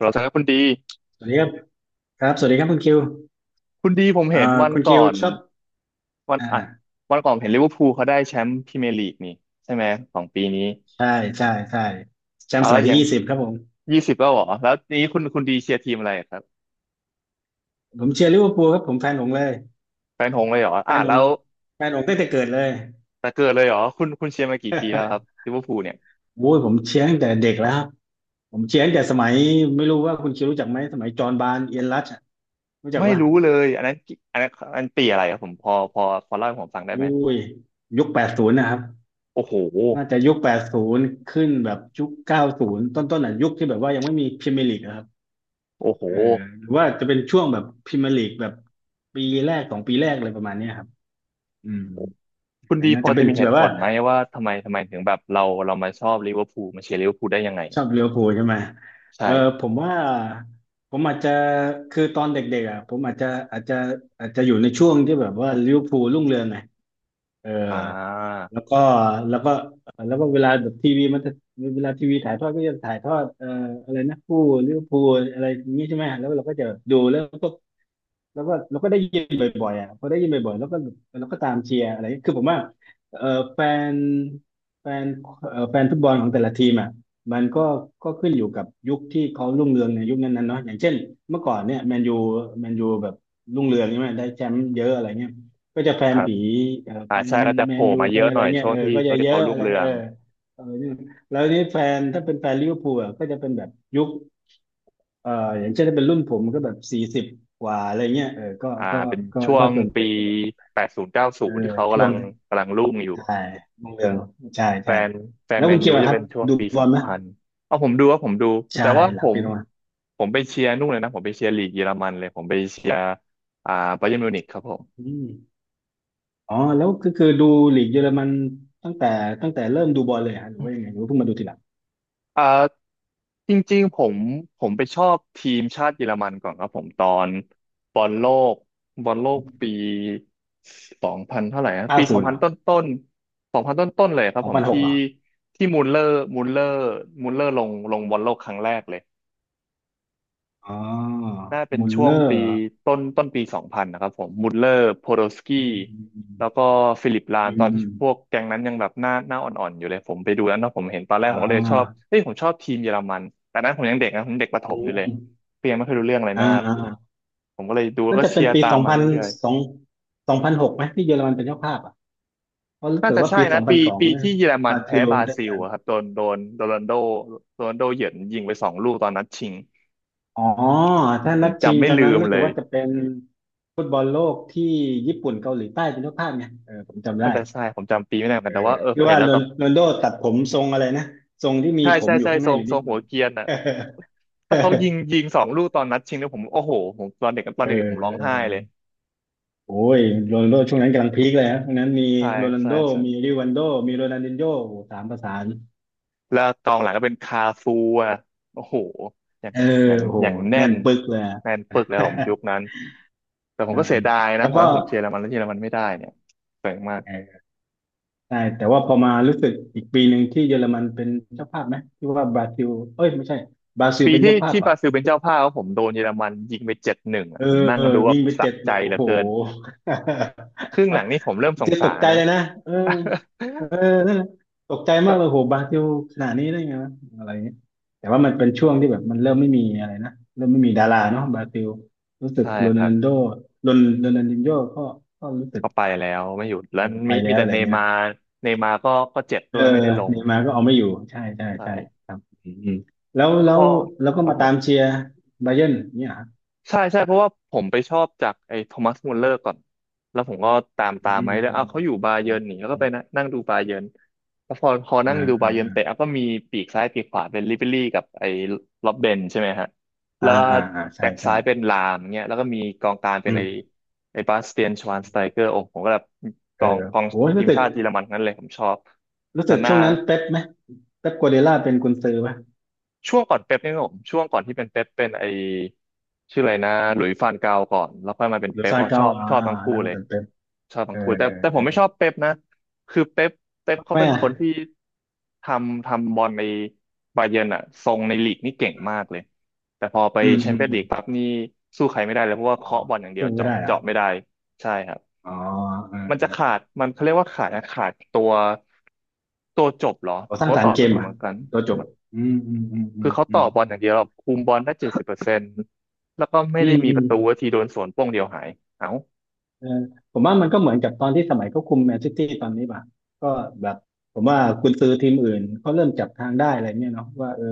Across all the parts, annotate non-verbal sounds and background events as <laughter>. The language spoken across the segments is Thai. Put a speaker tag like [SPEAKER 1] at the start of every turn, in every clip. [SPEAKER 1] เราจะให้คุณดี
[SPEAKER 2] สวัสดีครับครับสวัสดีครับคุณคิว
[SPEAKER 1] คุณดีผม
[SPEAKER 2] เอ่
[SPEAKER 1] เห็น
[SPEAKER 2] อ
[SPEAKER 1] วัน
[SPEAKER 2] คุณคิ
[SPEAKER 1] ก่
[SPEAKER 2] ว
[SPEAKER 1] อน
[SPEAKER 2] ชอบ
[SPEAKER 1] วันอ่ะ
[SPEAKER 2] อ่า
[SPEAKER 1] วันก่อนเห็นลิเวอร์พูลเขาได้แชมป์พรีเมียร์ลีกนี่ใช่ไหมของปีนี้
[SPEAKER 2] ใช่ใช่ใช่แชม
[SPEAKER 1] อ่ะ
[SPEAKER 2] ป์ส
[SPEAKER 1] แล้ว
[SPEAKER 2] มัย
[SPEAKER 1] อ
[SPEAKER 2] ที่
[SPEAKER 1] ย่าง
[SPEAKER 2] 20ครับผม
[SPEAKER 1] 20แล้วเหรอแล้วนี้คุณดีเชียร์ทีมอะไรครับ
[SPEAKER 2] ผมเชียร์ลิเวอร์พูลครับผมแฟนหงส์เลย
[SPEAKER 1] แฟนหงส์เลยเหรอ
[SPEAKER 2] แฟ
[SPEAKER 1] อ่ะ
[SPEAKER 2] นห
[SPEAKER 1] แล้
[SPEAKER 2] งส์
[SPEAKER 1] ว
[SPEAKER 2] แฟนหงส์ตั้งแต่เกิดเลย
[SPEAKER 1] แต่เกิดเลยเหรอคุณเชียร์มากี่ปีแล้วครับลิเวอร์พูลเนี่ย
[SPEAKER 2] โอ้ยผมเชียร์ตั้งแต่เด็กแล้วครับผมเชียร์ตั้งแต่สมัยไม่รู้ว่าคุณคิวรู้จักไหมสมัยจอห์นบาร์นเอียนรัชอะรู้จัก
[SPEAKER 1] ไม่
[SPEAKER 2] ว่า
[SPEAKER 1] รู้เลยอันนั้นกี่อันนั้นอันปีอะไรครับผมพอเล่าให้ผมฟังได้ไห
[SPEAKER 2] โอ้
[SPEAKER 1] ม
[SPEAKER 2] ยยุคแปดศูนย์นะครับ
[SPEAKER 1] โอ้โห
[SPEAKER 2] น่าจะยุคแปดศูนย์ขึ้นแบบยุคเก้าศูนย์ต้นๆอ่ะยุคที่แบบว่ายังไม่มีพรีเมียร์ลีก
[SPEAKER 1] โอ้โห
[SPEAKER 2] เออหรือว่าจะเป็นช่วงแบบพรีเมียร์ลีกแบบปีแรกสองปีแรกอะไรประมาณเนี้ยครับอืม
[SPEAKER 1] คุณ
[SPEAKER 2] อ
[SPEAKER 1] ดี
[SPEAKER 2] น่า
[SPEAKER 1] พอ
[SPEAKER 2] จะเป็
[SPEAKER 1] จะ
[SPEAKER 2] น
[SPEAKER 1] มีเห
[SPEAKER 2] แบ
[SPEAKER 1] ตุ
[SPEAKER 2] บ
[SPEAKER 1] ผ
[SPEAKER 2] ว่า
[SPEAKER 1] ลไหมว่าทำไมถึงแบบเรามาชอบลิเวอร์พูลมาเชียร์ลิเวอร์พูลได้ยังไง
[SPEAKER 2] ชอ
[SPEAKER 1] อะ
[SPEAKER 2] บลิเวอร์พูลใช่ไหมเออผ
[SPEAKER 1] ใช่
[SPEAKER 2] มว่าผมอาจจะคือตอนเด็กๆอ่ะผมอาจจะอาจจะอาจจะอยู่ในช่วงที่แบบว่าลิเวอร์พูลรุ่งเรืองไงเออ
[SPEAKER 1] อ่
[SPEAKER 2] แล้ว
[SPEAKER 1] า
[SPEAKER 2] ก็แล้วก็แล้วก็เวลาแบบทีวีมันจะเวลาทีวีถ่ายทอดก็จะถ่ายทอดอะไรนะผู้ลิเวอร์พูลอะไรอย่างนี้ใช่ไหมแล้วเราก็จะดูแล้วก็ แล้วก็เราก็ได้ยินบ่อยๆอ่ะพอได้ยินบ่อยๆแล้วก็เราก็ตามเชียร์อะไรคือผมว่าเออแฟนแฟนแฟนฟุตบอลของแต่ละทีมอ่ะมันก็ก็ขึ้นอยู่กับยุคที่เขารุ่งเรืองในยุคนั้นๆเนาะอย่างเช่นเมื่อก่อนเนี่ยแมนยูแมนยูแบบรุ่งเรืองใช่ไหมได้แชมป์เยอะอะไรเงี้ยก็จะแฟ
[SPEAKER 1] ค
[SPEAKER 2] น
[SPEAKER 1] รับ
[SPEAKER 2] ผีเออแฟ
[SPEAKER 1] อ่าใช่
[SPEAKER 2] น
[SPEAKER 1] ก็จะ
[SPEAKER 2] แม
[SPEAKER 1] โผล่
[SPEAKER 2] นยู
[SPEAKER 1] มา
[SPEAKER 2] แฟ
[SPEAKER 1] เย
[SPEAKER 2] น
[SPEAKER 1] อะ
[SPEAKER 2] อะ
[SPEAKER 1] หน่
[SPEAKER 2] ไร
[SPEAKER 1] อย
[SPEAKER 2] เงี้ย
[SPEAKER 1] ช่วง
[SPEAKER 2] เออ
[SPEAKER 1] ที่
[SPEAKER 2] ก็
[SPEAKER 1] ช่
[SPEAKER 2] จะ
[SPEAKER 1] วง
[SPEAKER 2] เย
[SPEAKER 1] ที่เขา
[SPEAKER 2] อะ
[SPEAKER 1] รุ่
[SPEAKER 2] อะ
[SPEAKER 1] ง
[SPEAKER 2] ไร
[SPEAKER 1] เรือ
[SPEAKER 2] เอ
[SPEAKER 1] ง
[SPEAKER 2] อเออแล้วนี่แฟนถ้าเป็นแฟนลิเวอร์พูลอ่ะก็จะเป็นแบบยุค เอ่ออย่างเช่นถ้าเป็นรุ่นผมก็แบบ40กว่าอะไรเงี้ยเออก็
[SPEAKER 1] อ่า
[SPEAKER 2] ก็
[SPEAKER 1] เป็น
[SPEAKER 2] ก็
[SPEAKER 1] ช่ว
[SPEAKER 2] ก็
[SPEAKER 1] ง
[SPEAKER 2] ส่วนให
[SPEAKER 1] ปี
[SPEAKER 2] ญ่ก็แบบ
[SPEAKER 1] 80เก้าศู
[SPEAKER 2] เออ
[SPEAKER 1] นย์ที่เขา
[SPEAKER 2] ช่
[SPEAKER 1] กำ
[SPEAKER 2] ว
[SPEAKER 1] ลั
[SPEAKER 2] ง
[SPEAKER 1] งกำลังรุ่งอยู่
[SPEAKER 2] ใช่รุ่งเรืองใช่
[SPEAKER 1] แฟ
[SPEAKER 2] ใช่
[SPEAKER 1] นแฟ
[SPEAKER 2] แล้
[SPEAKER 1] น
[SPEAKER 2] ว
[SPEAKER 1] แม
[SPEAKER 2] คุ
[SPEAKER 1] น
[SPEAKER 2] ณคิ
[SPEAKER 1] ยู
[SPEAKER 2] วอะค
[SPEAKER 1] จะ
[SPEAKER 2] รับ
[SPEAKER 1] เป็นช่วง
[SPEAKER 2] ดู
[SPEAKER 1] ปี
[SPEAKER 2] บ
[SPEAKER 1] ส
[SPEAKER 2] อ
[SPEAKER 1] อ
[SPEAKER 2] ล
[SPEAKER 1] ง
[SPEAKER 2] ไหม
[SPEAKER 1] พันเอาผมดูว่าผมดู
[SPEAKER 2] ใช่
[SPEAKER 1] แต่ว่า
[SPEAKER 2] ห
[SPEAKER 1] ผ
[SPEAKER 2] ลัง
[SPEAKER 1] ม
[SPEAKER 2] ปีลงมา
[SPEAKER 1] ผมไปเชียร์นู่นเลยนะผมไปเชียร์ลีกเยอรมันเลยผมไปเชียร์อ่าบาเยิร์นมิวนิกครับผม
[SPEAKER 2] อืมอ๋อแล้วก็คือดูลีกเยอรมันตั้งแต่ตั้งแต่เริ่มดูบอลเลยฮะหรือว่ายังไงหรือว่าเพิ่งมาดูทีหลัง
[SPEAKER 1] อ่าจริงๆผมไปชอบทีมชาติเยอรมันก่อนครับผมตอนบอลโลกบอลโลกปีสองพันเท่าไหร่นะ
[SPEAKER 2] เก้า
[SPEAKER 1] ปีส
[SPEAKER 2] ศู
[SPEAKER 1] อง
[SPEAKER 2] นย์เหร
[SPEAKER 1] พัน
[SPEAKER 2] อ
[SPEAKER 1] ต้นต้นสองพันต้นต้นๆเลยครั
[SPEAKER 2] ส
[SPEAKER 1] บ
[SPEAKER 2] อง
[SPEAKER 1] ผม
[SPEAKER 2] พันห
[SPEAKER 1] ที่
[SPEAKER 2] กเหรอ
[SPEAKER 1] ที่มูลเลอร์มูลเลอร์มูลเลอร์ลงบอลโลกครั้งแรกเลย
[SPEAKER 2] อ๋อ
[SPEAKER 1] น่าเป็น
[SPEAKER 2] มุล
[SPEAKER 1] ช่ว
[SPEAKER 2] เล
[SPEAKER 1] ง
[SPEAKER 2] อ
[SPEAKER 1] ปี
[SPEAKER 2] ร์
[SPEAKER 1] ต้นต้นปีสองพันนะครับผมมุลเลอร์โพโดสกี้
[SPEAKER 2] อืม
[SPEAKER 1] แล้วก็ฟิลิปลาน
[SPEAKER 2] อื
[SPEAKER 1] ต
[SPEAKER 2] ม
[SPEAKER 1] อน
[SPEAKER 2] อื
[SPEAKER 1] ที่
[SPEAKER 2] ม
[SPEAKER 1] พวกแก๊งนั้นยังแบบหน้าอ่อนๆอยู่เลยผมไปดูแล้วเนาะผมเห็นตอนแร
[SPEAKER 2] อม
[SPEAKER 1] ก
[SPEAKER 2] อ่
[SPEAKER 1] ผมก็เลยชอบ
[SPEAKER 2] า
[SPEAKER 1] เฮ้ยผมชอบทีมเยอรมันแต่นั้นผมยังเด็กนะผมเด็กประถ
[SPEAKER 2] อื
[SPEAKER 1] มอยู่เล
[SPEAKER 2] ม
[SPEAKER 1] ยเพียงไม่เคยรู้เรื่องอะไร
[SPEAKER 2] อ่า
[SPEAKER 1] มาก
[SPEAKER 2] อ่า
[SPEAKER 1] ผมก็เลยดูแล้ว
[SPEAKER 2] น่า
[SPEAKER 1] ก็
[SPEAKER 2] จะเป็
[SPEAKER 1] เชี
[SPEAKER 2] น
[SPEAKER 1] ยร์
[SPEAKER 2] ปี
[SPEAKER 1] ตา
[SPEAKER 2] ส
[SPEAKER 1] ม
[SPEAKER 2] อง
[SPEAKER 1] มา
[SPEAKER 2] พัน
[SPEAKER 1] เรื่อย
[SPEAKER 2] สองสองพันหกไหมที่เยอรมันเป็นเจ้าภาพอ่ะเพราะ
[SPEAKER 1] ๆ
[SPEAKER 2] รู้
[SPEAKER 1] น่า
[SPEAKER 2] สึก
[SPEAKER 1] จะ
[SPEAKER 2] ว่า
[SPEAKER 1] ใช่
[SPEAKER 2] ปีส
[SPEAKER 1] นะ
[SPEAKER 2] องพั
[SPEAKER 1] ปี
[SPEAKER 2] นสอง
[SPEAKER 1] ปีที่เยอรมั
[SPEAKER 2] บ
[SPEAKER 1] น
[SPEAKER 2] รา
[SPEAKER 1] แพ้
[SPEAKER 2] ซิล
[SPEAKER 1] บรา
[SPEAKER 2] ได้
[SPEAKER 1] ซิ
[SPEAKER 2] แช
[SPEAKER 1] ล
[SPEAKER 2] มป์
[SPEAKER 1] อะครับโดนโดนโดนัลโดโรนัลโดเหยินยิงไปสองลูกตอนนัดชิง
[SPEAKER 2] อ๋อถ้า
[SPEAKER 1] ผ
[SPEAKER 2] นั
[SPEAKER 1] ม
[SPEAKER 2] ดชิง
[SPEAKER 1] จำไม่
[SPEAKER 2] ตอน
[SPEAKER 1] ลื
[SPEAKER 2] นั้น
[SPEAKER 1] ม
[SPEAKER 2] รู้
[SPEAKER 1] เล
[SPEAKER 2] สึก
[SPEAKER 1] ย
[SPEAKER 2] ว่าจะเป็นฟุตบอลโลกที่ญี่ปุ่นเกาหลีใต้เป็นเจ้าภาพไงเออผมจำได้
[SPEAKER 1] น่าจะใช่ผมจำปีไม่ได้เหมือนกั
[SPEAKER 2] เอ
[SPEAKER 1] นแต่
[SPEAKER 2] อ
[SPEAKER 1] ว่าเออ
[SPEAKER 2] ที่
[SPEAKER 1] เห็
[SPEAKER 2] ว่า
[SPEAKER 1] นแล้ว
[SPEAKER 2] โรนโรนลโดตัดผมทรงอะไรนะทรงที่มี
[SPEAKER 1] ใช่
[SPEAKER 2] ผม
[SPEAKER 1] ใช่
[SPEAKER 2] อยู่
[SPEAKER 1] ใช่
[SPEAKER 2] ข้างห
[SPEAKER 1] ทร
[SPEAKER 2] น้าอ
[SPEAKER 1] ง
[SPEAKER 2] ยู่
[SPEAKER 1] ท
[SPEAKER 2] นิ
[SPEAKER 1] ร
[SPEAKER 2] ด
[SPEAKER 1] ง
[SPEAKER 2] นึ
[SPEAKER 1] หั
[SPEAKER 2] ง
[SPEAKER 1] วเกรียนอ่ะ
[SPEAKER 2] <laughs>
[SPEAKER 1] ถ้าเขายิงสองลูกตอนนัดชิงเนี่ยผมโอ้โหผมตอนเด็กตอ
[SPEAKER 2] เ
[SPEAKER 1] นเด็กๆผมร้องไห้เลย
[SPEAKER 2] ออโอ้ยโรนัลโดช่วงนั้นกำลังพีคเลยฮะช่วงนั้นมี
[SPEAKER 1] ใช่
[SPEAKER 2] โรนัล
[SPEAKER 1] ใช่
[SPEAKER 2] โด
[SPEAKER 1] ใช่
[SPEAKER 2] มีริวันโดมีโรนัลดินโญ่โอ้โหสามประสาน
[SPEAKER 1] แล้วกองหลังก็เป็นคาฟูอ่ะโอ้โหอย่าง
[SPEAKER 2] เออ
[SPEAKER 1] อย่าง
[SPEAKER 2] โห
[SPEAKER 1] อย่างแน่
[SPEAKER 2] แน่น
[SPEAKER 1] น
[SPEAKER 2] ปึกเลยอะ
[SPEAKER 1] แน่นปึกเลยผม
[SPEAKER 2] <laughs>
[SPEAKER 1] ยุคนั้นแต่ผ
[SPEAKER 2] เอ
[SPEAKER 1] ม
[SPEAKER 2] อ
[SPEAKER 1] ก็เสียดายนะ
[SPEAKER 2] แล้ว
[SPEAKER 1] เพราะ
[SPEAKER 2] ก็
[SPEAKER 1] ว่าผมเชียร์เยอรมันแล้วเยอรมันไม่ได้เนี่ยเสียงมาก
[SPEAKER 2] เออใช่แต่ว่าพอมารู้สึกอีกปีหนึ่งที่เยอรมันเป็นเจ้าภาพไหมที่ว่าบราซิลเอ้ยไม่ใช่บราซิล
[SPEAKER 1] ปี
[SPEAKER 2] เป็น
[SPEAKER 1] ที่
[SPEAKER 2] เจ้าภาพ
[SPEAKER 1] ที่บ
[SPEAKER 2] อ่ะ
[SPEAKER 1] ราซิลเป็นเจ้าภาพผมโดนเยอรมันยิงไป7-1
[SPEAKER 2] เอ
[SPEAKER 1] อ่ะ
[SPEAKER 2] อ
[SPEAKER 1] ผมนั่
[SPEAKER 2] เอ
[SPEAKER 1] ง
[SPEAKER 2] อ
[SPEAKER 1] ดู
[SPEAKER 2] ยิ
[SPEAKER 1] ว่า
[SPEAKER 2] งไป
[SPEAKER 1] สะ
[SPEAKER 2] เจ็ดห
[SPEAKER 1] ใจ
[SPEAKER 2] นึ่ง
[SPEAKER 1] เห
[SPEAKER 2] โอ้
[SPEAKER 1] ลือ
[SPEAKER 2] โห
[SPEAKER 1] เกินครึ่งหลังนี่ผมเริ่ม
[SPEAKER 2] <laughs>
[SPEAKER 1] สง
[SPEAKER 2] เจะต
[SPEAKER 1] สา
[SPEAKER 2] ก
[SPEAKER 1] ร
[SPEAKER 2] ใจ
[SPEAKER 1] นะ
[SPEAKER 2] เลยนะเออเออนั่นแหละตกใจมาก
[SPEAKER 1] <laughs>
[SPEAKER 2] เลยโหบราซิลขนาดนี้ได้ไงวะอะไรเงี้ยแต่ว่ามันเป็นช่วงที่แบบมันเริ่มไม่มีอะไรนะเริ่มไม่มีดาราเนาะบราซิลรู้สึก
[SPEAKER 1] ใช่
[SPEAKER 2] โร
[SPEAKER 1] ครั
[SPEAKER 2] นัล
[SPEAKER 1] บ
[SPEAKER 2] โดโรนโรนัลดินโญ่ก็ก็รู้สึก
[SPEAKER 1] ก็ไปแล้วไม่หยุดแล้
[SPEAKER 2] เอ
[SPEAKER 1] ว
[SPEAKER 2] อไป
[SPEAKER 1] มี
[SPEAKER 2] แล้ว
[SPEAKER 1] แต่
[SPEAKER 2] อะไร
[SPEAKER 1] เนย์
[SPEAKER 2] เงี้ย
[SPEAKER 1] มาร์เนย์มาร์ก็เจ็บ
[SPEAKER 2] เอ
[SPEAKER 1] ด้
[SPEAKER 2] อ
[SPEAKER 1] วยไม่ได้ลง
[SPEAKER 2] เนย์มาร์ก็เอาไม่อยู่ใช่ใช่ใช่
[SPEAKER 1] ใช่
[SPEAKER 2] ครับอืมอืมแล้วแล้
[SPEAKER 1] ก็
[SPEAKER 2] วแล้วก็
[SPEAKER 1] ครับ
[SPEAKER 2] มา
[SPEAKER 1] ผ
[SPEAKER 2] ตาม
[SPEAKER 1] ม
[SPEAKER 2] เชียร์ไบาเยิร์นเนี่ยเหรอ
[SPEAKER 1] ใช่ใช่เพราะว่าผมไปชอบจากไอ้โทมัสมุลเลอร์ก่อนแล้วผมก็ตามตา
[SPEAKER 2] อื
[SPEAKER 1] มไหมา
[SPEAKER 2] ม
[SPEAKER 1] แล้วเอาวเขาอยู่บา
[SPEAKER 2] อื
[SPEAKER 1] เยิร์
[SPEAKER 2] ม
[SPEAKER 1] นนี่แล้วก็
[SPEAKER 2] อื
[SPEAKER 1] ไป
[SPEAKER 2] ม
[SPEAKER 1] นะนั่งดูบาเยิร์นแล้วพอ
[SPEAKER 2] อ่า
[SPEAKER 1] นั่งดูบาเยิร์นเตะ
[SPEAKER 2] อ่
[SPEAKER 1] อ่ะก็มีปีกซ้ายปีกขวาเป็นลิเบรี่กับไอ้ล็อบเบนใช่ไหมฮะแล้
[SPEAKER 2] า
[SPEAKER 1] ว
[SPEAKER 2] อ่าอ่าอ่าใช่
[SPEAKER 1] แบ็ก
[SPEAKER 2] ใช่
[SPEAKER 1] ซ้ายเป็นลามเงี้ยแล้วก็มีกองกลางเป็
[SPEAKER 2] อื
[SPEAKER 1] น
[SPEAKER 2] ม
[SPEAKER 1] ไอ้บาสเตียนชวานสไตเกอร์โอ้โหผมก็แบบก
[SPEAKER 2] เออ
[SPEAKER 1] องกอง
[SPEAKER 2] โอ้
[SPEAKER 1] ที
[SPEAKER 2] รู้
[SPEAKER 1] ม
[SPEAKER 2] สึก
[SPEAKER 1] ชาติเยอรมันทั้งนั้นเลยผมชอบ
[SPEAKER 2] รู้
[SPEAKER 1] แล้
[SPEAKER 2] สึ
[SPEAKER 1] ว
[SPEAKER 2] ก
[SPEAKER 1] หน้า
[SPEAKER 2] ช่วงนั้นเป๊ปไหมเป๊ปกัวเดล่าเป็นกุนซือป่ะ
[SPEAKER 1] ช่วงก่อนเป๊ปนี่ครับผมช่วงก่อนที่เป็นเป๊ปเป็นไอชื่ออะไรนะหลุยส์ฟานกาลก่อนแล้วค่อยมาเป็น
[SPEAKER 2] หรือ
[SPEAKER 1] เป๊ป
[SPEAKER 2] ซา
[SPEAKER 1] อ๋
[SPEAKER 2] น
[SPEAKER 1] อช
[SPEAKER 2] เกา
[SPEAKER 1] อบ
[SPEAKER 2] อ่า
[SPEAKER 1] ชอบทั้งคู่
[SPEAKER 2] แล้วก็
[SPEAKER 1] เลย
[SPEAKER 2] เป็นเป๊ป
[SPEAKER 1] ชอบ
[SPEAKER 2] เอ
[SPEAKER 1] ทั้ง
[SPEAKER 2] อ
[SPEAKER 1] คู่แต่
[SPEAKER 2] เออ
[SPEAKER 1] แต่ผ
[SPEAKER 2] เอ
[SPEAKER 1] ม
[SPEAKER 2] อ
[SPEAKER 1] ไม่ชอบเป๊ปนะคือเป๊ป
[SPEAKER 2] ทำ
[SPEAKER 1] เขา
[SPEAKER 2] ไม
[SPEAKER 1] เป็น
[SPEAKER 2] อ่ะ
[SPEAKER 1] คนที่ทำบอลในบาเยิร์นอะทรงในลีกนี่เก่งมากเลยแต่พอไป
[SPEAKER 2] อืม
[SPEAKER 1] แช
[SPEAKER 2] อื
[SPEAKER 1] ม
[SPEAKER 2] ม
[SPEAKER 1] เปี้ยน
[SPEAKER 2] อื
[SPEAKER 1] ลี
[SPEAKER 2] ม
[SPEAKER 1] กปั๊บนี่สู้ใครไม่ได้เลยเพราะว่า
[SPEAKER 2] อ๋อ
[SPEAKER 1] เคาะบอลอย่างเดีย
[SPEAKER 2] สู้
[SPEAKER 1] ว
[SPEAKER 2] ไม่
[SPEAKER 1] เจาะ
[SPEAKER 2] ได้อ่ะ
[SPEAKER 1] เจาะไม่ได้ใช่ครับ
[SPEAKER 2] อ๋อเออ
[SPEAKER 1] มัน
[SPEAKER 2] เอ
[SPEAKER 1] จะ
[SPEAKER 2] อ
[SPEAKER 1] ขาดมันเขาเรียกว่าขาดนะขาดตัวตัวจบเหรอ
[SPEAKER 2] ขอส
[SPEAKER 1] ผ
[SPEAKER 2] ร้า
[SPEAKER 1] ม
[SPEAKER 2] ง
[SPEAKER 1] ก็
[SPEAKER 2] สร
[SPEAKER 1] ต
[SPEAKER 2] ร
[SPEAKER 1] อบ
[SPEAKER 2] ค์เก
[SPEAKER 1] ไม่
[SPEAKER 2] ม
[SPEAKER 1] ถูกเห
[SPEAKER 2] อ่ะ
[SPEAKER 1] มือนกัน
[SPEAKER 2] ตัวจบอืมอืมอืมอื
[SPEAKER 1] คือ
[SPEAKER 2] ม
[SPEAKER 1] เขา
[SPEAKER 2] อื
[SPEAKER 1] ต่อ
[SPEAKER 2] ม
[SPEAKER 1] บอลอย่างเดียวแบบคุมบอลได้70%แล้วก็ไม่
[SPEAKER 2] อื
[SPEAKER 1] ได้
[SPEAKER 2] ม
[SPEAKER 1] มี
[SPEAKER 2] อื
[SPEAKER 1] ป
[SPEAKER 2] ม
[SPEAKER 1] ระตูว่าทีโดนสวนโป้งเดียวหายเอ้า
[SPEAKER 2] เออผมว่ามันก็เหมือนกับตอนที่สมัยเขาคุมแมนซิตี้ตอนนี้ป่ะก็แบบผมว่ากุนซือทีมอื่นเขาเริ่มจับทางได้อะไรเนี่ยเนาะว่าเออ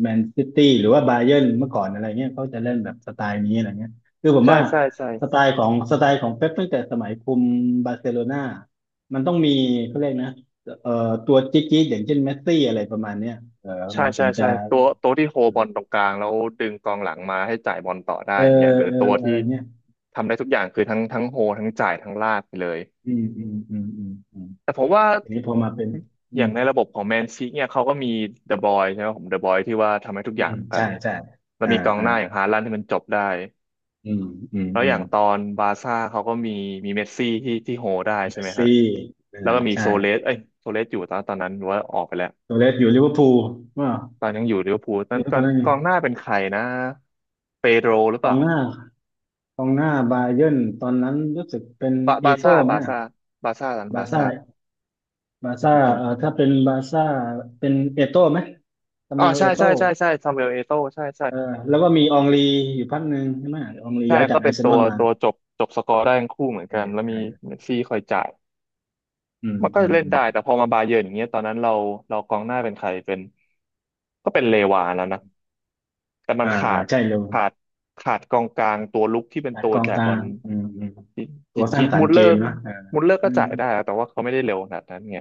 [SPEAKER 2] แมนซิตี้หรือว่าบาเยิร์นเมื่อก่อนอะไรเงี้ยเขาจะเล่นแบบสไตล์นี้อะไรเงี้ยคือผม
[SPEAKER 1] ใช่
[SPEAKER 2] ว่า
[SPEAKER 1] ใช่ใช่
[SPEAKER 2] สไตล์ของเป๊ปตั้งแต่สมัยคุมบาร์เซโลนามันต้องมีเขาเรียกนะเอ่อตัวจิ๊กจิ๊กอย่างเช่นเมสซี่อะไรประมาณเนี้ยเออ
[SPEAKER 1] ใช่
[SPEAKER 2] มันถึ
[SPEAKER 1] ใช่
[SPEAKER 2] งจะ
[SPEAKER 1] ใช่ตัวที่โฮบอลตรงกลางแล้วดึงกองหลังมาให้จ่ายบอลต่อได้
[SPEAKER 2] เออ
[SPEAKER 1] อย่างเงี้ยหรือ
[SPEAKER 2] เออ
[SPEAKER 1] ตัว
[SPEAKER 2] อะ
[SPEAKER 1] ที่
[SPEAKER 2] ไรเงี้ย
[SPEAKER 1] ทำได้ทุกอย่างคือทั้งโฮทั้งจ่ายทั้งลากไปเลย
[SPEAKER 2] อืมอืมอืมอืมอืม
[SPEAKER 1] แต่ผมว่า
[SPEAKER 2] ทีนี้พอมาเป็นอื
[SPEAKER 1] อย่า
[SPEAKER 2] ม
[SPEAKER 1] งในระบบของแมนซีเนี่ยเขาก็มีเดอะบอยใช่ไหมผมเดอะบอยที่ว่าทำให้ทุกอ
[SPEAKER 2] อื
[SPEAKER 1] ย่าง
[SPEAKER 2] ม
[SPEAKER 1] เหมือนกั
[SPEAKER 2] ใช่
[SPEAKER 1] น
[SPEAKER 2] ใช่
[SPEAKER 1] แล้ว
[SPEAKER 2] อ่า
[SPEAKER 1] มีกอง
[SPEAKER 2] อ่า
[SPEAKER 1] หน้าอย่างฮาลันด์ที่มันจบได้
[SPEAKER 2] อืมอืม
[SPEAKER 1] แล้ว
[SPEAKER 2] อื
[SPEAKER 1] อ
[SPEAKER 2] ม
[SPEAKER 1] ย่างตอนบาร์ซ่าเขาก็มีเมสซี่ที่โฮได้ใช่
[SPEAKER 2] เม
[SPEAKER 1] ไห
[SPEAKER 2] ส
[SPEAKER 1] มฮะ
[SPEAKER 2] ซี่อ่า
[SPEAKER 1] แล้วก็มี
[SPEAKER 2] ใช่
[SPEAKER 1] โซเลสเอ้ยโซเลสอยู่ตอนนั้นหรือว่าออกไปแล้ว
[SPEAKER 2] โซเลสอยู่ลิเวอร์พูลว่า
[SPEAKER 1] ตอนยังอยู่ลิเวอร์พูลนั้
[SPEAKER 2] เดี๋
[SPEAKER 1] น
[SPEAKER 2] ยว
[SPEAKER 1] ต
[SPEAKER 2] ต
[SPEAKER 1] อ
[SPEAKER 2] อน
[SPEAKER 1] น
[SPEAKER 2] นั้น
[SPEAKER 1] ก
[SPEAKER 2] เนี่ย
[SPEAKER 1] องหน้าเป็นใครนะเปโดรหรือ
[SPEAKER 2] ก
[SPEAKER 1] เป
[SPEAKER 2] อ
[SPEAKER 1] ล่า
[SPEAKER 2] งหน้ากองหน้าบาเยิร์นตอนนั้นรู้สึกเป็นเอโต้ไหม
[SPEAKER 1] บาร์
[SPEAKER 2] อะ
[SPEAKER 1] ซ่าบาร์ซ่าตอน
[SPEAKER 2] บา
[SPEAKER 1] บา
[SPEAKER 2] ร์
[SPEAKER 1] ร์
[SPEAKER 2] ซ่า
[SPEAKER 1] ซ่า
[SPEAKER 2] บาร์
[SPEAKER 1] ผ
[SPEAKER 2] ซ่า
[SPEAKER 1] มจ
[SPEAKER 2] ถ้าเป็นบาร์ซ่าเป็นเอโต้ไหมซา
[SPEAKER 1] ำอ๋อ
[SPEAKER 2] มูเอล
[SPEAKER 1] ใช่
[SPEAKER 2] เอโต้
[SPEAKER 1] ใช่ใช่ใช่ซามูเอลเอโต้ใช่ใช่
[SPEAKER 2] เออแล้วก็มีอองลีอยู่พักหนึ่งใช่ไหมอองลี
[SPEAKER 1] ใช่
[SPEAKER 2] ย้ายจา
[SPEAKER 1] ก็
[SPEAKER 2] กอา
[SPEAKER 1] เป็น
[SPEAKER 2] ร์เซ
[SPEAKER 1] ตั
[SPEAKER 2] นอ
[SPEAKER 1] ว
[SPEAKER 2] ลมา
[SPEAKER 1] ตัวจบสกอร์ได้ทั้งคู่เหมือนกันแล้วมี
[SPEAKER 2] เออ
[SPEAKER 1] เมสซี่คอยจ่าย
[SPEAKER 2] อืม
[SPEAKER 1] มันก็
[SPEAKER 2] อืม
[SPEAKER 1] เล่น
[SPEAKER 2] อืม
[SPEAKER 1] ได้แต่พอมาบาเยิร์นอย่างเงี้ยตอนนั้นเรากองหน้าเป็นใครเป็นก็เป็นเลวานแล้วนะ แต่มัน
[SPEAKER 2] อ่า
[SPEAKER 1] ขา
[SPEAKER 2] อ่า
[SPEAKER 1] ด
[SPEAKER 2] ใช่เลย
[SPEAKER 1] ขาดขาดกองกลางตัวลุกที่เป็น
[SPEAKER 2] การ
[SPEAKER 1] ตัว
[SPEAKER 2] กอง
[SPEAKER 1] จ่าย
[SPEAKER 2] ก
[SPEAKER 1] บ
[SPEAKER 2] ลา
[SPEAKER 1] อ
[SPEAKER 2] ง
[SPEAKER 1] ล
[SPEAKER 2] อืมอืม
[SPEAKER 1] จิ
[SPEAKER 2] ตัวส
[SPEAKER 1] จิ
[SPEAKER 2] ร้าง
[SPEAKER 1] จ
[SPEAKER 2] สร
[SPEAKER 1] มุ
[SPEAKER 2] ร
[SPEAKER 1] ด
[SPEAKER 2] ค์เก
[SPEAKER 1] เลอ
[SPEAKER 2] ม
[SPEAKER 1] ร์
[SPEAKER 2] เนอะ
[SPEAKER 1] มุลเลอร์
[SPEAKER 2] เอ
[SPEAKER 1] ก็
[SPEAKER 2] อ
[SPEAKER 1] จ่ายได้นะแต่ว่าเขาไม่ได้เร็วขนาดนั้นไง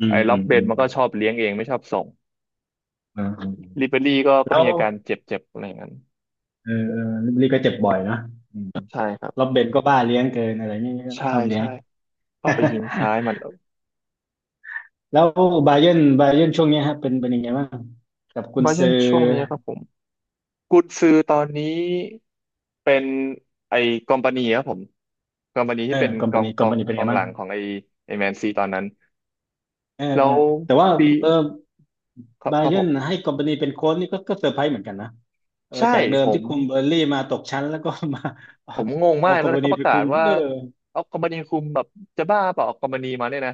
[SPEAKER 2] อื
[SPEAKER 1] ไอ้
[SPEAKER 2] ม
[SPEAKER 1] ล็
[SPEAKER 2] อื
[SPEAKER 1] อบ
[SPEAKER 2] ม
[SPEAKER 1] เบ
[SPEAKER 2] อื
[SPEAKER 1] น
[SPEAKER 2] ม
[SPEAKER 1] มันก็ชอบเลี้ยงเองไม่ชอบส่ง
[SPEAKER 2] อืมอาอาอ่า
[SPEAKER 1] ริเบรี่ก็
[SPEAKER 2] แล้ว
[SPEAKER 1] มีอาการเจ็บเจ็บอะไรอย่างนั้น
[SPEAKER 2] เออเออลิลลี่ก็เจ็บบ่อยนะอืม
[SPEAKER 1] ใช่ครับ
[SPEAKER 2] แล้วเบนก็บ้าเลี้ยงเกินอะไรเงี้ย
[SPEAKER 1] ใช่
[SPEAKER 2] ชอบเลี้ยง
[SPEAKER 1] ใช่เข้าไปยิงซ้ายมัน
[SPEAKER 2] <laughs> แล้วบาเยิร์นบาเยิร์นช่วงเนี้ยฮะเป็นเป็นยังไงบ้างกับกุน
[SPEAKER 1] บาเยิ
[SPEAKER 2] ซื
[SPEAKER 1] ร์น
[SPEAKER 2] อ
[SPEAKER 1] ช่วงนี้ครับผมกุนซือตอนนี้เป็นไอ้กอมปานีครับผมกอมปานี
[SPEAKER 2] เอ
[SPEAKER 1] ที่
[SPEAKER 2] อ
[SPEAKER 1] เป็น
[SPEAKER 2] คอม
[SPEAKER 1] ก
[SPEAKER 2] พา
[SPEAKER 1] อง
[SPEAKER 2] นีค
[SPEAKER 1] ก
[SPEAKER 2] อม
[SPEAKER 1] อง
[SPEAKER 2] พานีเป็น
[SPEAKER 1] ก
[SPEAKER 2] ยัง
[SPEAKER 1] อ
[SPEAKER 2] ไง
[SPEAKER 1] งห
[SPEAKER 2] บ้าง
[SPEAKER 1] ลังของไอ้แมนซีตอนนั้น
[SPEAKER 2] เออ
[SPEAKER 1] แล้
[SPEAKER 2] เออ
[SPEAKER 1] ว
[SPEAKER 2] แต่ว่า
[SPEAKER 1] ปี
[SPEAKER 2] เออ
[SPEAKER 1] ครับ
[SPEAKER 2] บา
[SPEAKER 1] ครับ
[SPEAKER 2] เยิ
[SPEAKER 1] ผ
[SPEAKER 2] ร์น
[SPEAKER 1] ม
[SPEAKER 2] ให้คอมพานีเป็นโค้ชนี่ก็ก็เซอร์ไพรส์เหมือนกันนะเออ
[SPEAKER 1] ใช่
[SPEAKER 2] จากเดิ
[SPEAKER 1] ผ
[SPEAKER 2] มที่
[SPEAKER 1] ม
[SPEAKER 2] คุมเบอร์นลี่มาตกชั้นแล้วก็มาเอา
[SPEAKER 1] ผมงง
[SPEAKER 2] เอา
[SPEAKER 1] มาก
[SPEAKER 2] ค
[SPEAKER 1] แล้
[SPEAKER 2] อ
[SPEAKER 1] ว
[SPEAKER 2] มพานี
[SPEAKER 1] เขาป
[SPEAKER 2] ไป
[SPEAKER 1] ระกา
[SPEAKER 2] คุ
[SPEAKER 1] ศ
[SPEAKER 2] ม
[SPEAKER 1] ว่า
[SPEAKER 2] เออ
[SPEAKER 1] เอาคอมมานีคุมแบบจะบ้าเปล่าเอาคอมพานีมาเนี่ยนะ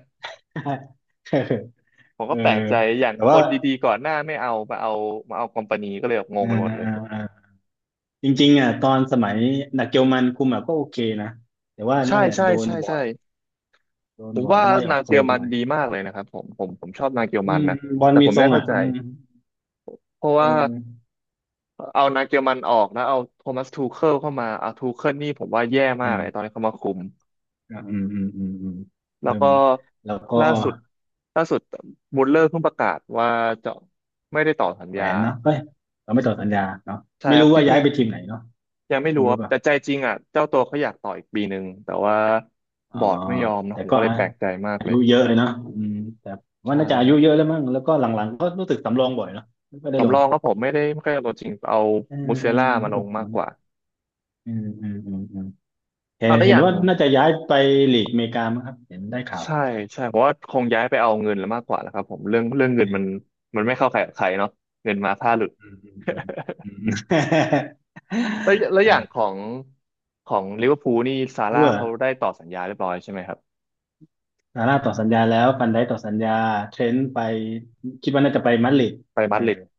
[SPEAKER 2] <laughs>
[SPEAKER 1] ผม
[SPEAKER 2] เอ
[SPEAKER 1] ก็
[SPEAKER 2] อ
[SPEAKER 1] แปลกใจอย่าง
[SPEAKER 2] แต่
[SPEAKER 1] ค
[SPEAKER 2] ว่า
[SPEAKER 1] นดีๆก่อนหน้าไม่เอามาเอาคอมพานีก็เลยแบบง
[SPEAKER 2] เอ
[SPEAKER 1] งไปหม
[SPEAKER 2] อ
[SPEAKER 1] ดเลย
[SPEAKER 2] เออ จริงๆอ่ะตอนสมัยนักเกลมันคุมอ่ะก็โอเคนะแต่ว่า
[SPEAKER 1] ใช่
[SPEAKER 2] นั่นแหละ
[SPEAKER 1] ใช่
[SPEAKER 2] โดน
[SPEAKER 1] ใช่
[SPEAKER 2] บอ
[SPEAKER 1] ใช่
[SPEAKER 2] ร์ดโดน
[SPEAKER 1] ผม
[SPEAKER 2] บอร์ด
[SPEAKER 1] ว่า
[SPEAKER 2] ไล่อ
[SPEAKER 1] นา
[SPEAKER 2] อก
[SPEAKER 1] งเกี
[SPEAKER 2] เร็
[SPEAKER 1] ยว
[SPEAKER 2] วไป
[SPEAKER 1] มั
[SPEAKER 2] ห
[SPEAKER 1] น
[SPEAKER 2] น่อย
[SPEAKER 1] ดีมากเลยนะครับผมชอบนางเกียว
[SPEAKER 2] อื
[SPEAKER 1] มัน
[SPEAKER 2] ม
[SPEAKER 1] นะ
[SPEAKER 2] บอล
[SPEAKER 1] แต่
[SPEAKER 2] มี
[SPEAKER 1] ผม
[SPEAKER 2] ทร
[SPEAKER 1] ไม่
[SPEAKER 2] ง
[SPEAKER 1] เข้า
[SPEAKER 2] อ่ะ
[SPEAKER 1] ใจ
[SPEAKER 2] อืม
[SPEAKER 1] เพราะ
[SPEAKER 2] เอ
[SPEAKER 1] ว่า
[SPEAKER 2] อ
[SPEAKER 1] เอานางเกียวมันออกแล้วเอาโทมัสทูเคิลเข้ามาเอาทูเคิลนี่ผมว่าแย่มา
[SPEAKER 2] อื
[SPEAKER 1] กเล
[SPEAKER 2] ม
[SPEAKER 1] ยตอนที่เขามาคุม
[SPEAKER 2] อะอืมอืมอืมอืม
[SPEAKER 1] แล้ว
[SPEAKER 2] เริ่
[SPEAKER 1] ก็
[SPEAKER 2] มแล้วก็
[SPEAKER 1] ล่าสุดล่าสุดบูลเลอร์เพิ่งประกาศว่าจะไม่ได้ต่อสัญ
[SPEAKER 2] แหว
[SPEAKER 1] ญา
[SPEAKER 2] นเนาะเฮ้ยเราไม่ต่อสัญญาเนาะ
[SPEAKER 1] ใช่
[SPEAKER 2] ไม่
[SPEAKER 1] ครับ
[SPEAKER 2] รู้
[SPEAKER 1] จ
[SPEAKER 2] ว่าย้า
[SPEAKER 1] ริ
[SPEAKER 2] ย
[SPEAKER 1] ง
[SPEAKER 2] ไปทีมไหนเนาะ
[SPEAKER 1] ๆยังไม่
[SPEAKER 2] คิ
[SPEAKER 1] รู้
[SPEAKER 2] ว
[SPEAKER 1] ค
[SPEAKER 2] รู้
[SPEAKER 1] รับ
[SPEAKER 2] ป่ะ
[SPEAKER 1] แต่ใจจริงอ่ะเจ้าตัวเขาอยากต่ออีกปีหนึ่งแต่ว่า
[SPEAKER 2] อ๋
[SPEAKER 1] บ
[SPEAKER 2] อ
[SPEAKER 1] อร์ดไม่ยอมนะ
[SPEAKER 2] แต่
[SPEAKER 1] ผม
[SPEAKER 2] ก็
[SPEAKER 1] ก็เล
[SPEAKER 2] อา
[SPEAKER 1] ยแปลกใจมากเล
[SPEAKER 2] ยุ
[SPEAKER 1] ย
[SPEAKER 2] เยอะเลยเนาะอืมแต่ว่า
[SPEAKER 1] ใช่
[SPEAKER 2] น่าจะอา
[SPEAKER 1] ค
[SPEAKER 2] ยุ
[SPEAKER 1] รับ
[SPEAKER 2] เยอะแล้วมั้งแล้วก็หลังๆก็รู้สึกสำรองบ่อยเนาะไม่ค่อยได้ล
[SPEAKER 1] สำ
[SPEAKER 2] ง
[SPEAKER 1] รองก็ผมไม่ได้ไม่ค่อยเอาตัวจริงเอา
[SPEAKER 2] เออ
[SPEAKER 1] มูเซ
[SPEAKER 2] เออ
[SPEAKER 1] ล่ามา
[SPEAKER 2] รู้
[SPEAKER 1] ล
[SPEAKER 2] สึ
[SPEAKER 1] ง
[SPEAKER 2] กเห
[SPEAKER 1] มาก
[SPEAKER 2] มือน
[SPEAKER 1] กว่า
[SPEAKER 2] อืมอืมอืมอืม เห็
[SPEAKER 1] เอา
[SPEAKER 2] น
[SPEAKER 1] ได้
[SPEAKER 2] เห็
[SPEAKER 1] อ
[SPEAKER 2] น
[SPEAKER 1] ย่าง
[SPEAKER 2] ว่าน่าจะย้ายไปลีกอเมริกามั้งครับเห็นได้ข่าว
[SPEAKER 1] ใช่ใช่เพราะว่าคงย้ายไปเอาเงินแล้วมากกว่าแล้วครับผมเรื่องเงิ
[SPEAKER 2] เอ
[SPEAKER 1] นมัน
[SPEAKER 2] อ
[SPEAKER 1] ไม่เข้าใครออกใครเนาะเงินมาถ้าหลุด
[SPEAKER 2] อืมอืมอืม
[SPEAKER 1] แล้วอย่างขอ
[SPEAKER 2] อืา
[SPEAKER 1] งลิเวอร์พูลนี่ซาร่า
[SPEAKER 2] ยั่ว
[SPEAKER 1] เขาได้ต่อสัญญาเรียบร้อยใช่ไหมครับ
[SPEAKER 2] ซาร่าต่อสัญญาแล้วฟันไดต่อสัญญาเทรนต์ไปคิดว่าน่าจะไปมาดริด
[SPEAKER 1] ไป
[SPEAKER 2] เอ
[SPEAKER 1] มาด
[SPEAKER 2] อ
[SPEAKER 1] ริด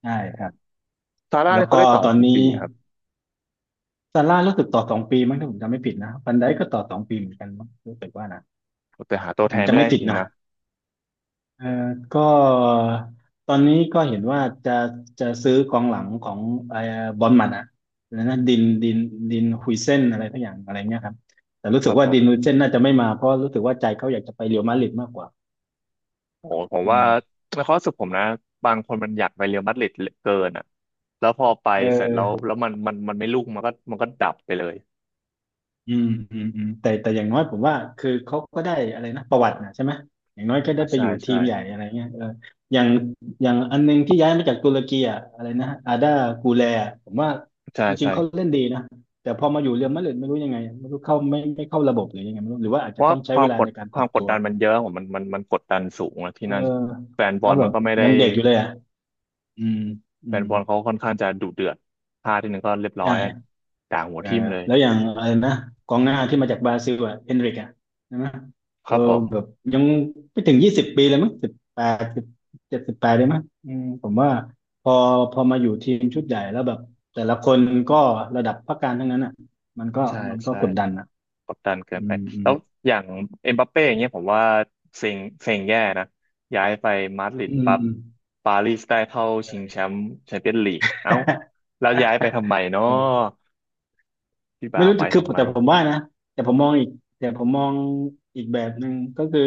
[SPEAKER 2] ใช่ครับ
[SPEAKER 1] ซาร่า
[SPEAKER 2] แล้
[SPEAKER 1] เนี่
[SPEAKER 2] ว
[SPEAKER 1] ยเขา
[SPEAKER 2] ก็
[SPEAKER 1] ได้ต่อ
[SPEAKER 2] ตอน
[SPEAKER 1] กี่
[SPEAKER 2] นี้
[SPEAKER 1] ปีครับ
[SPEAKER 2] ซาร่ารู้สึกต่อสองปีมั้งถ้าผมจำไม่ผิดนะฟันไดก็ต่อสองปีเหมือนกันมั้งรู้สึกว่านะ
[SPEAKER 1] แต่หาตั
[SPEAKER 2] ถ้า
[SPEAKER 1] ว
[SPEAKER 2] ผ
[SPEAKER 1] แท
[SPEAKER 2] ม
[SPEAKER 1] น
[SPEAKER 2] จำ
[SPEAKER 1] ไม่ได้
[SPEAKER 2] ไม่
[SPEAKER 1] จ
[SPEAKER 2] ผิด
[SPEAKER 1] ริง
[SPEAKER 2] นะ
[SPEAKER 1] ๆนะ
[SPEAKER 2] เอ่อก็ตอนนี้ก็เห็นว่าจะจะซื้อกองหลังของไอ้บอร์นมัดอะแล้วนะดินดินดินฮุยเซนอะไรทักอย่างอะไรเงี้ยครับแต่รู้
[SPEAKER 1] ค
[SPEAKER 2] สึ
[SPEAKER 1] รั
[SPEAKER 2] ก
[SPEAKER 1] บผ
[SPEAKER 2] ว่าดิน
[SPEAKER 1] ม
[SPEAKER 2] ฮุยเซนน่าจะไม่มาเพราะรู้สึกว่าใจเขาอยากจะไปเรอัลมาดริดมากกว่า
[SPEAKER 1] โอ้โหผม
[SPEAKER 2] อื
[SPEAKER 1] ว่า
[SPEAKER 2] ม
[SPEAKER 1] ในความรู้สึกผมนะบางคนมันอยากไปเรอัลมาดริดเหลือเกินอ่ะแล้วพอไป
[SPEAKER 2] เ
[SPEAKER 1] เสร็จแล้ว
[SPEAKER 2] ออ
[SPEAKER 1] มันไม่ลุ่งมันก็ดับไปเลย
[SPEAKER 2] อืมอืมอืมแต่แต่อย่างน้อยผมว่าคือเขาก็ได้อะไรนะประวัตินะใช่ไหมอย่างน้อยก็ได้
[SPEAKER 1] อ่า
[SPEAKER 2] ไป
[SPEAKER 1] ใช่
[SPEAKER 2] อยู่ที
[SPEAKER 1] ใช่
[SPEAKER 2] มใหญ่อะไรเงี้ยเอออย่างอย่างอันนึงที่ย้ายมาจากตุรกีอ่ะอะไรนะอาดากูแลอะผมว่า
[SPEAKER 1] ใช่
[SPEAKER 2] จริ
[SPEAKER 1] ใช่
[SPEAKER 2] งๆเขาเล่นดีนะแต่พอมาอยู่เรอัลมาดริดไม่รู้ยังไงไม่รู้เข้าไม่ไม่เข้าระบบหรือยังไงไม่รู้หรือว่าอาจ
[SPEAKER 1] เพ
[SPEAKER 2] จะ
[SPEAKER 1] ราะ
[SPEAKER 2] ต้
[SPEAKER 1] ว่า
[SPEAKER 2] องใช้เวลาในการ
[SPEAKER 1] ค
[SPEAKER 2] ป
[SPEAKER 1] วา
[SPEAKER 2] รั
[SPEAKER 1] ม
[SPEAKER 2] บ
[SPEAKER 1] กด
[SPEAKER 2] ตัว
[SPEAKER 1] ดันมันเยอะผมมันกดดันสูงอะที่
[SPEAKER 2] เออ
[SPEAKER 1] นั่นแฟนบ
[SPEAKER 2] แล้
[SPEAKER 1] อ
[SPEAKER 2] ว
[SPEAKER 1] ล
[SPEAKER 2] แบ
[SPEAKER 1] มัน
[SPEAKER 2] บ
[SPEAKER 1] ก็ไม่ได้
[SPEAKER 2] ยังเด็กอยู่เลยอ่ะอืมอื
[SPEAKER 1] แฟน
[SPEAKER 2] ม
[SPEAKER 1] บอลเขาค่อนข้างจะดุเดือดพลาดทีหนึ่งก็เรียบร้อย
[SPEAKER 2] ใช่
[SPEAKER 1] ด่าหัว
[SPEAKER 2] เออ
[SPEAKER 1] ทิ่มเลย
[SPEAKER 2] แล้วอย่างอะไรนะกองหน้าที่มาจากบราซิลอ่ะเฮนริกอ่ะใช่ไหม
[SPEAKER 1] ค
[SPEAKER 2] เออ
[SPEAKER 1] รับผ
[SPEAKER 2] แบบ
[SPEAKER 1] ม
[SPEAKER 2] ยังไม่ถึง20 ปีเลยมั้ง18 17 18ได้มั้งอืมผมว่าพอพอมาอยู่ทีมชุดใหญ่แล้วแบบแต่ละคนก็ระดับพักการทั้งนั้นอ่ะมันก็
[SPEAKER 1] ใช่
[SPEAKER 2] มันก็
[SPEAKER 1] ใช่
[SPEAKER 2] กดดันอ่ะ
[SPEAKER 1] กดดันเกิ
[SPEAKER 2] อื
[SPEAKER 1] นไป
[SPEAKER 2] มอืม
[SPEAKER 1] แล้วอย่างเอ็มบัปเป้อย่างเงี้ยผมว่าเซ็งเซ็งแย่นะ ย้ายไปมาดริด
[SPEAKER 2] อืม
[SPEAKER 1] ปั๊บ
[SPEAKER 2] อืม
[SPEAKER 1] ปารีสได้เข้าชิงแช
[SPEAKER 2] เออ
[SPEAKER 1] มป์แชมเปี้ยนลีกเอ้าแล้วย้ายไปทำไมเนาะ
[SPEAKER 2] <laughs>
[SPEAKER 1] พี่
[SPEAKER 2] ไม่
[SPEAKER 1] บ่าว
[SPEAKER 2] รู้
[SPEAKER 1] ไป
[SPEAKER 2] คือ
[SPEAKER 1] ทำไม
[SPEAKER 2] แต่ผมว่านะแต่ผมมองอีกแต่ผมมองอีกแบบหนึ่งก็คือ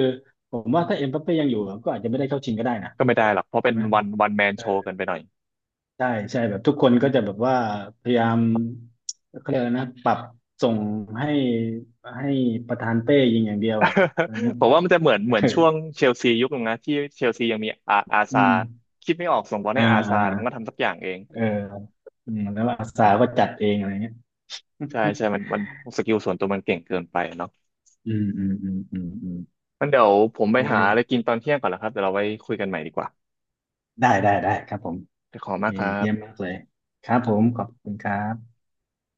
[SPEAKER 2] ผมว่าถ้าเอ็มบัปเป้ยังอยู่ก็อาจจะไม่ได้เข้าชิงก็ได้นะ
[SPEAKER 1] ก็ไม่ได้หรอกเพราะเป็
[SPEAKER 2] ใช่
[SPEAKER 1] น
[SPEAKER 2] ไหม
[SPEAKER 1] วันแมนโชว์กันไปหน่อย
[SPEAKER 2] ใช่ใช่แบบทุกคนก็จะแบบว่าพยายามเขาเรียกอะไรนะปรับส่งให้ให้ประธานเป้ยิงอย่างเดียวอะอะไรเงี้ย
[SPEAKER 1] <laughs> ผมว่ามันจะ
[SPEAKER 2] <laughs> เอ
[SPEAKER 1] เหมือนช่วง
[SPEAKER 2] อ
[SPEAKER 1] เชลซียุคนึงนะที่เชลซียังมีอา
[SPEAKER 2] อื
[SPEAKER 1] ซา
[SPEAKER 2] ม
[SPEAKER 1] ร์คิดไม่ออกส่งบอล
[SPEAKER 2] อ่า
[SPEAKER 1] ให้อา
[SPEAKER 2] อ่า
[SPEAKER 1] ซาร์มันก็ทำสักอย่างเอง
[SPEAKER 2] เอออืมแล้วอาสาก็จัดเองอะไรเงี้ย
[SPEAKER 1] ใช่
[SPEAKER 2] <laughs>
[SPEAKER 1] ใช่มันสกิลส่วนตัวมันเก่งเกินไปเนาะ
[SPEAKER 2] อืมอืมอืมอืมอืม
[SPEAKER 1] มันเดี๋ยวผมไป
[SPEAKER 2] เอ
[SPEAKER 1] หาอะ
[SPEAKER 2] อ
[SPEAKER 1] ไรกินตอนเที่ยงก่อนแล้วครับเดี๋ยวเราไว้คุยกันใหม่ดีกว่า
[SPEAKER 2] ได้ได้ได้ครับผม
[SPEAKER 1] ขอบคุณ
[SPEAKER 2] เอ
[SPEAKER 1] มาก
[SPEAKER 2] อ
[SPEAKER 1] ครับ
[SPEAKER 2] เยี่ยมมากเลยครับผมขอบคุณครับ